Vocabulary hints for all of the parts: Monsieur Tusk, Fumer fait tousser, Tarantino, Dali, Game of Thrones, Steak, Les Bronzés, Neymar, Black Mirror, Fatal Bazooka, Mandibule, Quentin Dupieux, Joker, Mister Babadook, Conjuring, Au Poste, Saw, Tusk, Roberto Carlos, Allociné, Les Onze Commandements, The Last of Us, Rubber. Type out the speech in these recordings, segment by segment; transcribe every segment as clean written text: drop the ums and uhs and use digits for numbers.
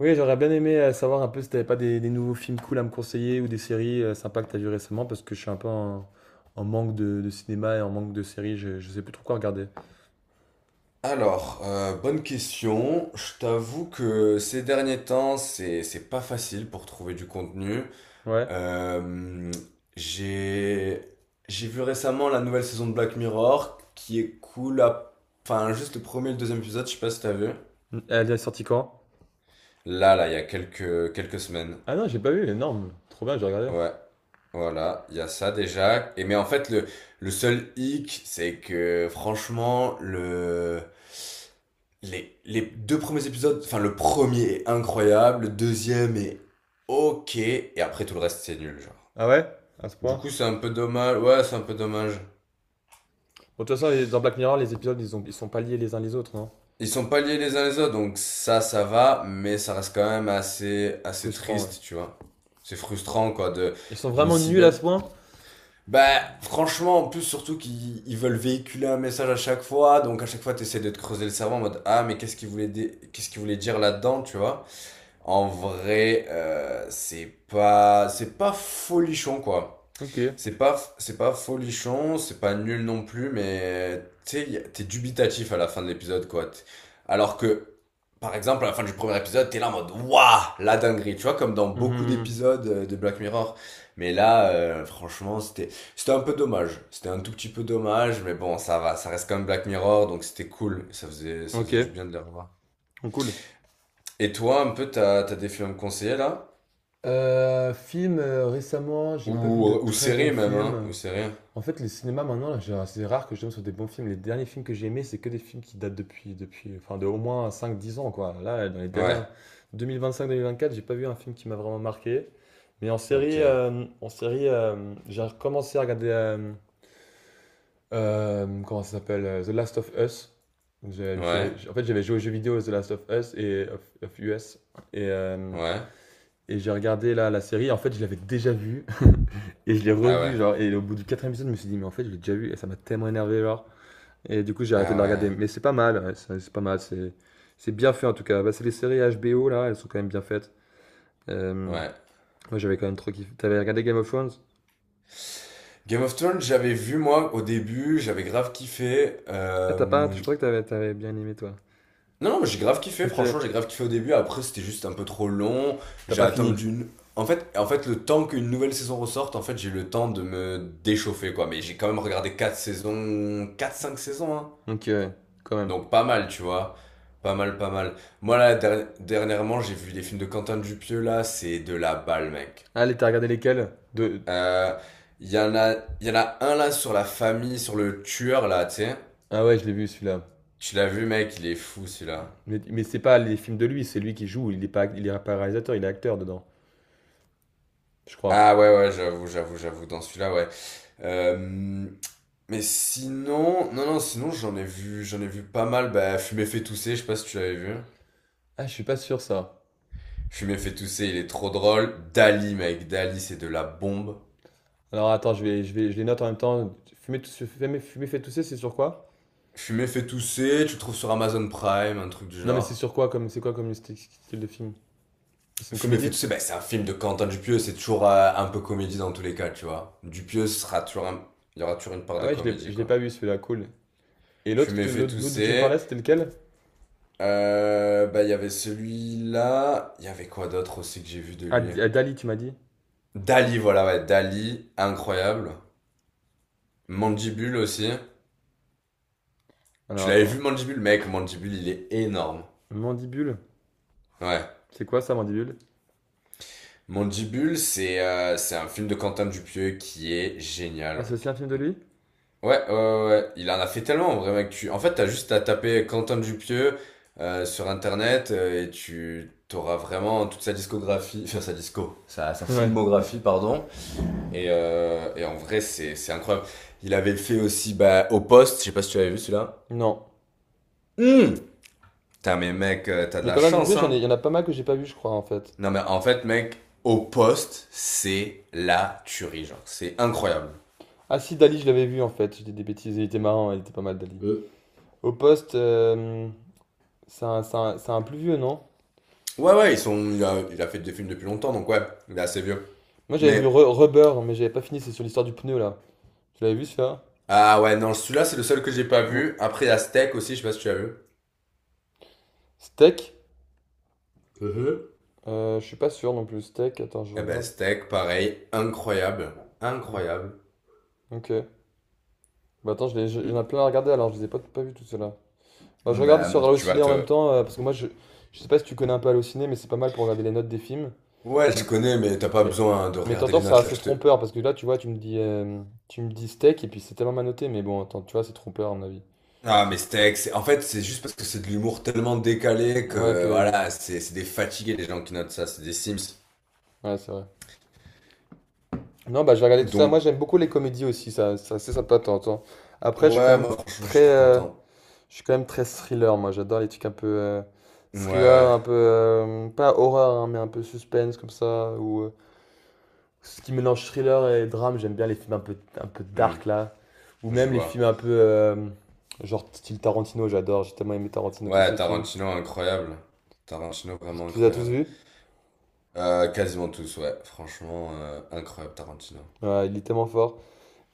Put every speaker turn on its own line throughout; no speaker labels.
Oui, j'aurais bien aimé savoir un peu si t'avais pas des nouveaux films cool à me conseiller ou des séries sympas que t'as vu récemment parce que je suis un peu en manque de cinéma et en manque de séries, je sais plus trop quoi regarder.
Alors, bonne question. Je t'avoue que ces derniers temps, c'est pas facile pour trouver du contenu.
Ouais.
Euh, j'ai j'ai vu récemment la nouvelle saison de Black Mirror qui est cool. Enfin, juste le premier et le deuxième épisode, je sais pas si t'as vu.
Elle est sortie quand?
Là, il y a quelques semaines.
Ah non, j'ai pas vu, énorme. Trop bien, j'ai regardé.
Ouais, voilà, il y a ça déjà. Et mais en fait, le seul hic, c'est que franchement, les deux premiers épisodes, enfin le premier est incroyable, le deuxième est ok, et après tout le reste c'est nul, genre.
Ah ouais? À ce
Du
point.
coup, c'est un peu dommage, ouais, c'est un peu dommage.
Bon, de toute façon, dans Black Mirror, les épisodes, ils sont pas liés les uns les autres, non?
Ils sont pas liés les uns les autres, donc ça va, mais ça reste quand même assez, assez
Frustrant, ouais.
triste, tu vois. C'est frustrant, quoi,
Ils sont
d'une
vraiment
si
nuls à ce
belle.
point?
Bah, franchement, en plus, surtout qu'ils veulent véhiculer un message à chaque fois, donc à chaque fois, t'essaies de te creuser le cerveau en mode Ah, mais qu'est-ce qu'il voulait, qu'est-ce qu'il voulait dire là-dedans, tu vois? En vrai, c'est pas folichon, quoi.
Ok.
C'est pas folichon, c'est pas nul non plus, mais t'es dubitatif à la fin de l'épisode, quoi. Alors que, par exemple, à la fin du premier épisode, t'es là en mode Waouh, la dinguerie, tu vois, comme dans beaucoup
Mhm.
d'épisodes de Black Mirror. Mais là, franchement, c'était un peu dommage. C'était un tout petit peu dommage, mais bon, ça va, ça reste quand même Black Mirror, donc c'était cool. Ça faisait, ça
Ok.
faisait du bien de les revoir.
Cool.
Et toi, un peu, t'as des films à me conseiller là?
Film, récemment, j'ai pas vu de
Ou, ou
très bons
séries même, hein?
films.
Ou séries?
En fait, les cinémas maintenant, là, c'est rare que je tombe sur des bons films. Les derniers films que j'ai aimés, c'est que des films qui datent enfin, de au moins 5, 10 ans, quoi. Là, dans les dernières
Ouais,
deux mille vingt-cinq-deux mille vingt-cinq, vingt-quatre, j'ai pas vu un film qui m'a vraiment marqué. Mais en série,
ok.
euh, en série, j'ai recommencé à regarder, comment ça s'appelle, The Last of Us.
Ouais,
En fait, j'avais joué aux jeux vidéo The Last of Us et of US, et, euh,
ouais.
et j'ai regardé là la série. En fait, je l'avais déjà vue. Et je l'ai
Ah
revu,
ouais.
genre, et au bout du quatrième épisode, je me suis dit, mais en fait, je l'ai déjà vu, et ça m'a tellement énervé, genre. Et du coup, j'ai arrêté de
Ah
la
ouais.
regarder. Mais c'est pas mal, ouais, c'est pas mal, c'est bien fait en tout cas. Bah, c'est les séries HBO, là, elles sont quand même bien faites. Euh,
Ouais.
Moi, j'avais quand même trop kiffé. T'avais regardé Game of Thrones?
Game of Thrones, j'avais vu moi au début, j'avais grave kiffé.
Ah, t'as pas, je
euh,
croyais que t'avais bien aimé, toi.
Non, non, mais j'ai grave kiffé,
Ok,
franchement, j'ai grave kiffé au début. Après, c'était juste un peu trop long.
t'as
J'ai
pas fini.
attendu une. En fait, le temps qu'une nouvelle saison ressorte, en fait, j'ai eu le temps de me déchauffer, quoi. Mais j'ai quand même regardé quatre saisons, quatre cinq saisons, hein.
Donc, quand même.
Donc pas mal, tu vois. Pas mal, pas mal. Moi, là, dernièrement, j'ai vu les films de Quentin Dupieux, là, c'est de la balle, mec.
Allez, t'as regardé lesquels? De...
Euh, Il y en a, il y en a un là sur la famille, sur le tueur là, tu sais.
Ah ouais, je l'ai vu, celui-là.
Tu l'as vu, mec, il est fou celui-là.
Mais c'est pas les films de lui, c'est lui qui joue, il est pas réalisateur, il est acteur dedans, je crois.
Ah ouais, ouais, j'avoue, j'avoue, j'avoue, dans celui-là, ouais. Euh, mais sinon, non, non, sinon j'en ai vu pas mal. Bah, Fumer fait tousser, je sais pas si tu l'avais vu.
Ah, je suis pas sûr, ça.
Fumer fait tousser, il est trop drôle. Dali, mec, Dali, c'est de la bombe.
Alors attends, je vais, je les note en même temps. Fumer fait tousser, c'est sur quoi?
Fumer fait tousser, tu le trouves sur Amazon Prime, un truc du
Non, mais c'est sur
genre.
quoi comme, c'est quoi comme style de film? C'est une
Fumer fait
comédie?
tousser, ça, bah, c'est un film de Quentin Dupieux, c'est toujours un peu comédie dans tous les cas, tu vois. Dupieux sera toujours il y aura toujours une part
Ah
de
ouais, je l'ai,
comédie,
je l'ai
quoi.
pas vu celui-là, cool. Et l'autre, que
Fumer
tu-
fait
l'autre l'autre dont tu me
tousser.
parlais, c'était lequel?
Bah, il y avait celui-là. Il y avait quoi d'autre aussi que j'ai vu de
Ah,
lui.
Dali, tu m'as dit.
Dali, voilà, ouais, Dali, incroyable. Mandibule aussi.
Alors
Tu l'avais
attends,
vu, Mandibule? Mec, Mandibule, il est énorme.
Mandibule,
Ouais.
c'est quoi ça, Mandibule?
Mandibule, c'est un film de Quentin Dupieux qui est
Ah,
génial,
c'est aussi un film de
mec.
lui?
Ouais, ouais, ouais, ouais. Il en a fait tellement en vrai, mec. En fait, t'as juste à taper Quentin Dupieux sur internet et tu t'auras vraiment toute sa discographie, enfin sa disco, sa
Ouais.
filmographie, pardon. Et en vrai, c'est incroyable. Il avait fait aussi bah, Au Poste, je sais pas si tu avais vu celui-là.
Non.
Hum. Putain, mais mec, t'as de
Mais
la
Quentin Dupieux,
chance,
j'en ai,
hein.
il y en a pas mal que j'ai pas vu, je crois, en fait.
Non, mais en fait, mec, Au Poste, c'est la tuerie, genre. C'est incroyable.
Ah si, Dali, je l'avais vu, en fait. J'étais des bêtises, il était marrant, il était pas mal, Dali.
Euh,
Au poste, c'est un plus vieux, non?
Ouais, ouais, il a fait des films depuis longtemps, donc ouais, il est assez vieux.
Moi j'avais vu
Mais.
Rubber, mais j'avais pas fini, c'est sur l'histoire du pneu là. Tu l'avais vu celui-là?
Ah ouais, non, celui-là, c'est le seul que j'ai pas
Mm.
vu. Après, il y a Steak aussi, je sais pas si tu as vu.
Steak?
Mhm.
Je suis pas sûr non plus. Steak, attends, je
Eh ben,
regarde.
Steak, pareil, incroyable.
Mm.
Incroyable.
Ok. Bah attends, il y en a plein à regarder alors, je les ai pas vus tout cela. Bah je regarde sur
Ben, tu vas
Allociné en même
te...
temps, parce que moi je sais pas si tu connais un peu Allociné, mais c'est pas mal pour regarder les notes des films.
Ouais, je
Mm.
connais, mais t'as pas
Mais,
besoin de
mais
regarder
t'entends,
les
c'est
notes, là,
assez
je te...
trompeur, parce que là tu vois, tu me dis steak et puis c'est tellement mal noté, mais bon, attends, tu vois, c'est trompeur à mon avis.
Ah, mais
C'est-
Steak, c'est... en fait, c'est juste parce que c'est de l'humour tellement décalé
Ouais,
que,
que.
voilà, c'est des fatigués, les gens qui notent ça, c'est des Sims.
Ouais, c'est vrai. Non, bah, je vais regarder tout ça.
Donc,
Moi, j'aime beaucoup les comédies aussi, ça, c'est sympa de temps en temps. Après,
ouais, moi, franchement, je
très,
suis trop
euh,
content.
je suis quand même très thriller, moi. J'adore les trucs un peu
Ouais,
thriller,
ouais.
un peu, pas horreur, hein, mais un peu suspense comme ça, ou ce qui mélange thriller et drame. J'aime bien les films un peu,
Hmm,
dark, là. Ou
je
même les films
vois.
un peu, genre style Tarantino, j'adore. J'ai tellement aimé Tarantino, tous
Ouais,
ses films.
Tarantino, incroyable. Tarantino, vraiment
Tu les as tous
incroyable.
vus?
Quasiment tous, ouais. Franchement, incroyable Tarantino.
Ouais, il est tellement fort.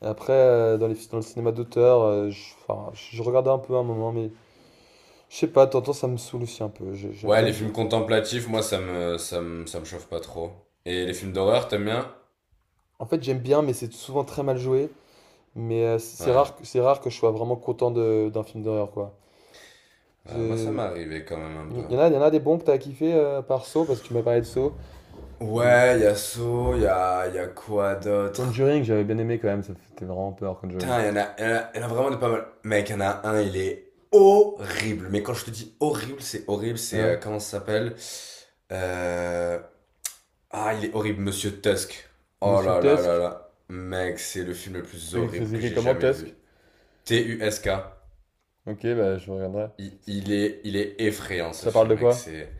Après, dans le cinéma d'auteur, enfin, je regardais un peu à un moment, mais je sais pas, t'entends, ça me saoule aussi un peu.
Ouais,
J'aime
les
bien.
films contemplatifs, moi, ça me chauffe pas trop. Et les films d'horreur, t'aimes bien?
En fait, j'aime bien, mais c'est souvent très mal joué. Mais c'est
Ouais.
rare, que- c'est rare que je sois vraiment content d'un film d'horreur, quoi.
Ouais, moi, ça
Je...
m'est arrivé quand même un
Il
peu.
y en a, il y en a des bons que t'as kiffé par Saw, parce que tu m'as parlé de Saw. Mais...
Ouais, y a Saw, y a quoi d'autre?
Conjuring, j'avais bien aimé quand même, ça fait vraiment peur, Conjuring.
Putain, y en a, y en a, y en a vraiment des pas mal. Mec, y en a un, il est horrible. Mais quand je te dis horrible, c'est horrible,
Ah ouais.
comment ça s'appelle? Euh, Ah, il est horrible, Monsieur Tusk. Oh
Monsieur
là là
Tusk,
là là. Mec, c'est le film le plus
c'est
horrible
c'est
que
écrit
j'ai
comment
jamais
Tusk?
vu. Tusk.
Ok, bah je regarderai.
Il,
Ça
il est, il est effrayant ce
ça parle
film,
de
mec.
quoi?
C'est.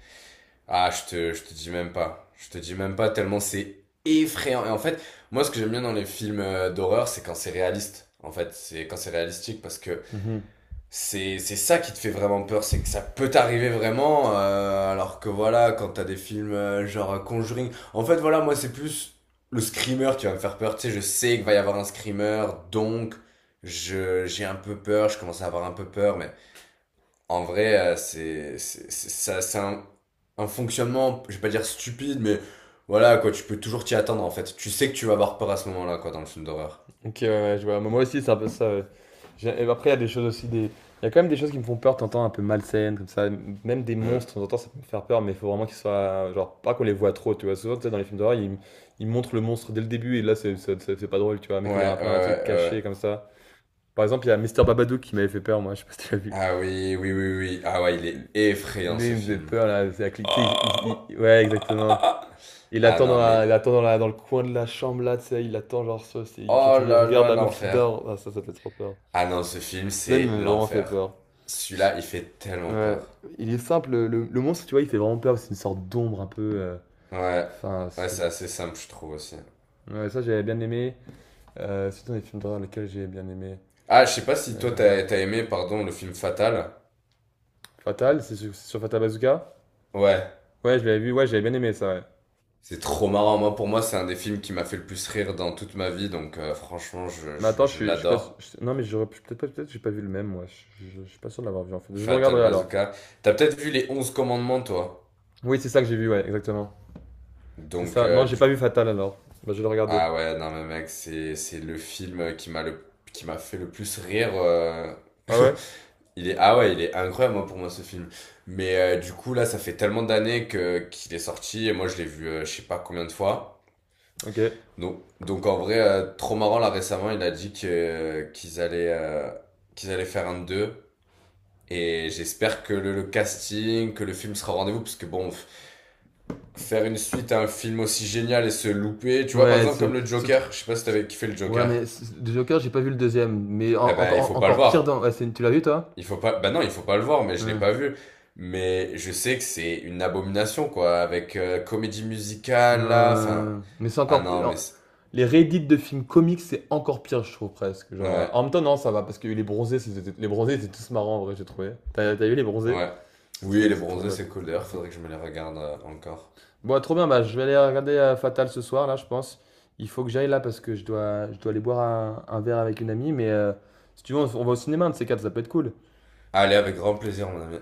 Ah, je te dis même pas. Je te dis même pas tellement c'est effrayant. Et en fait, moi, ce que j'aime bien dans les films d'horreur, c'est quand c'est réaliste. En fait, c'est quand c'est réalistique parce que.
Mm-hmm.
C'est ça qui te fait vraiment peur, c'est que ça peut t'arriver vraiment, alors que voilà, quand t'as des films genre Conjuring. En fait, voilà, moi, c'est plus le screamer qui va me faire peur. Tu sais, je sais qu'il va y avoir un screamer, donc je j'ai un peu peur, je commence à avoir un peu peur, mais en vrai, ça, c'est un, fonctionnement, je vais pas dire stupide, mais voilà, quoi, tu peux toujours t'y attendre en fait. Tu sais que tu vas avoir peur à ce moment-là, quoi, dans le film d'horreur.
Ok, ouais, ouais, je vois. Mais moi aussi, c'est un peu ça, ouais. Et après, il y a des choses aussi, des... il y a quand même des choses qui me font peur, t'entends, un peu malsaines, comme ça. Même des
Hmm.
monstres, t'entends, ça peut me faire peur, mais il faut vraiment qu'ils soient. Genre, pas qu'on les voit trop, tu vois. Souvent, tu sais, dans les films d'horreur, ils... ils montrent le monstre dès le début, et là, c'est pas drôle, tu vois. Mais
Ouais,
quand il y a un
ouais, ouais.
peu un truc caché,
Ouais.
comme ça. Par exemple, il y a Mister Babadook qui m'avait fait peur, moi, je sais pas si tu l'as vu.
Ah oui, oui, oui, oui. Ah ouais, il est effrayant
Lui,
ce
il me faisait
film.
peur, là. Tu sais, ouais, exactement. Il
Ah
attend dans
non,
la...
mais
il attend dans la... dans le coin de la chambre, là, tu sais, il attend, genre, ça,
oh
il
là
regarde
là,
la meuf qui
l'enfer.
dort. Ah, ça fait trop peur.
Ah non, ce film,
Cela
c'est
m'a vraiment fait
l'enfer.
peur. S-
Celui-là, il fait tellement
Ouais,
peur.
il est simple, le monstre, tu vois, il fait vraiment peur, c'est une sorte d'ombre un peu.
Ouais,
Enfin,
ouais, c'est assez simple, je trouve aussi.
ouais, ça, j'avais bien aimé. C'est dans les films d'horreur lesquels j'ai bien aimé.
Ah, je sais pas si toi,
Euh,
t'as aimé, pardon, le film Fatal.
Fatal, c'est sur Fatal Bazooka?
Ouais,
Ouais, je l'avais vu, ouais, j'avais bien aimé ça, ouais.
c'est trop marrant. Moi, pour moi, c'est un des films qui m'a fait le plus rire dans toute ma vie, donc franchement, je,
Mais
je,
attends,
je
je suis pas.
l'adore.
Non, mais j'aurais peut-être pas, peut-être que j'ai pas vu le même, moi. Je suis pas sûr de l'avoir vu en fait. Je le
Fatal
regarderai alors.
Bazooka. T'as peut-être vu les onze commandements, toi.
Oui, c'est ça que j'ai vu, ouais, exactement. C'est
Donc,
ça. Non, j'ai
du.
pas vu Fatal alors. Bah, je vais le regarder.
Ah ouais, non mais mec, c'est le film qui m'a fait le plus rire.
Ah ouais?
Il est Ah ouais, il est incroyable moi, pour moi ce film. Mais du coup là, ça fait tellement d'années que qu'il est sorti et moi je l'ai vu je sais pas combien de fois.
Ok.
Donc en vrai trop marrant là récemment, il a dit que qu'ils allaient faire un 2 et j'espère que le casting, que le film sera au rendez-vous parce que bon faire une suite à un film aussi génial et se louper, tu vois par
Ouais,
exemple comme le Joker, je sais pas si
c'est-
t'avais kiffé le
ouais,
Joker.
Joker, j'ai pas vu le deuxième. Mais en-
Eh ben, il
encore
faut pas le
encore pire dans.
voir.
Ouais, tu l'as vu, toi?
Il faut pas. Bah non, il faut pas le voir, mais je l'ai
Ouais.
pas vu. Mais je sais que c'est une abomination, quoi, avec comédie musicale, là. Enfin,
Ouais. Mais c'est
ah
encore.
non, mais c'est-
Les réédits de films comiques, c'est encore pire, je trouve presque. Genre...
ouais,
En même temps, non, ça va, parce que les bronzés, étaient tous marrants, en vrai, j'ai trouvé. T'as vu les bronzés?
ouais.
C'est
Oui,
trop,
les
c'est trop
bronzés,
bien.
c'est cool. D'ailleurs,
C'était
faudrait
cool.
que je me les regarde encore.
Bon, trop bien, bah, je vais aller regarder Fatal ce soir, là, je pense. Il faut que j'aille là, parce que je dois aller boire un verre avec une amie. Mais si tu veux, on va au cinéma, un de ces quatre, ça peut être cool.
Allez, avec grand plaisir, mon ami.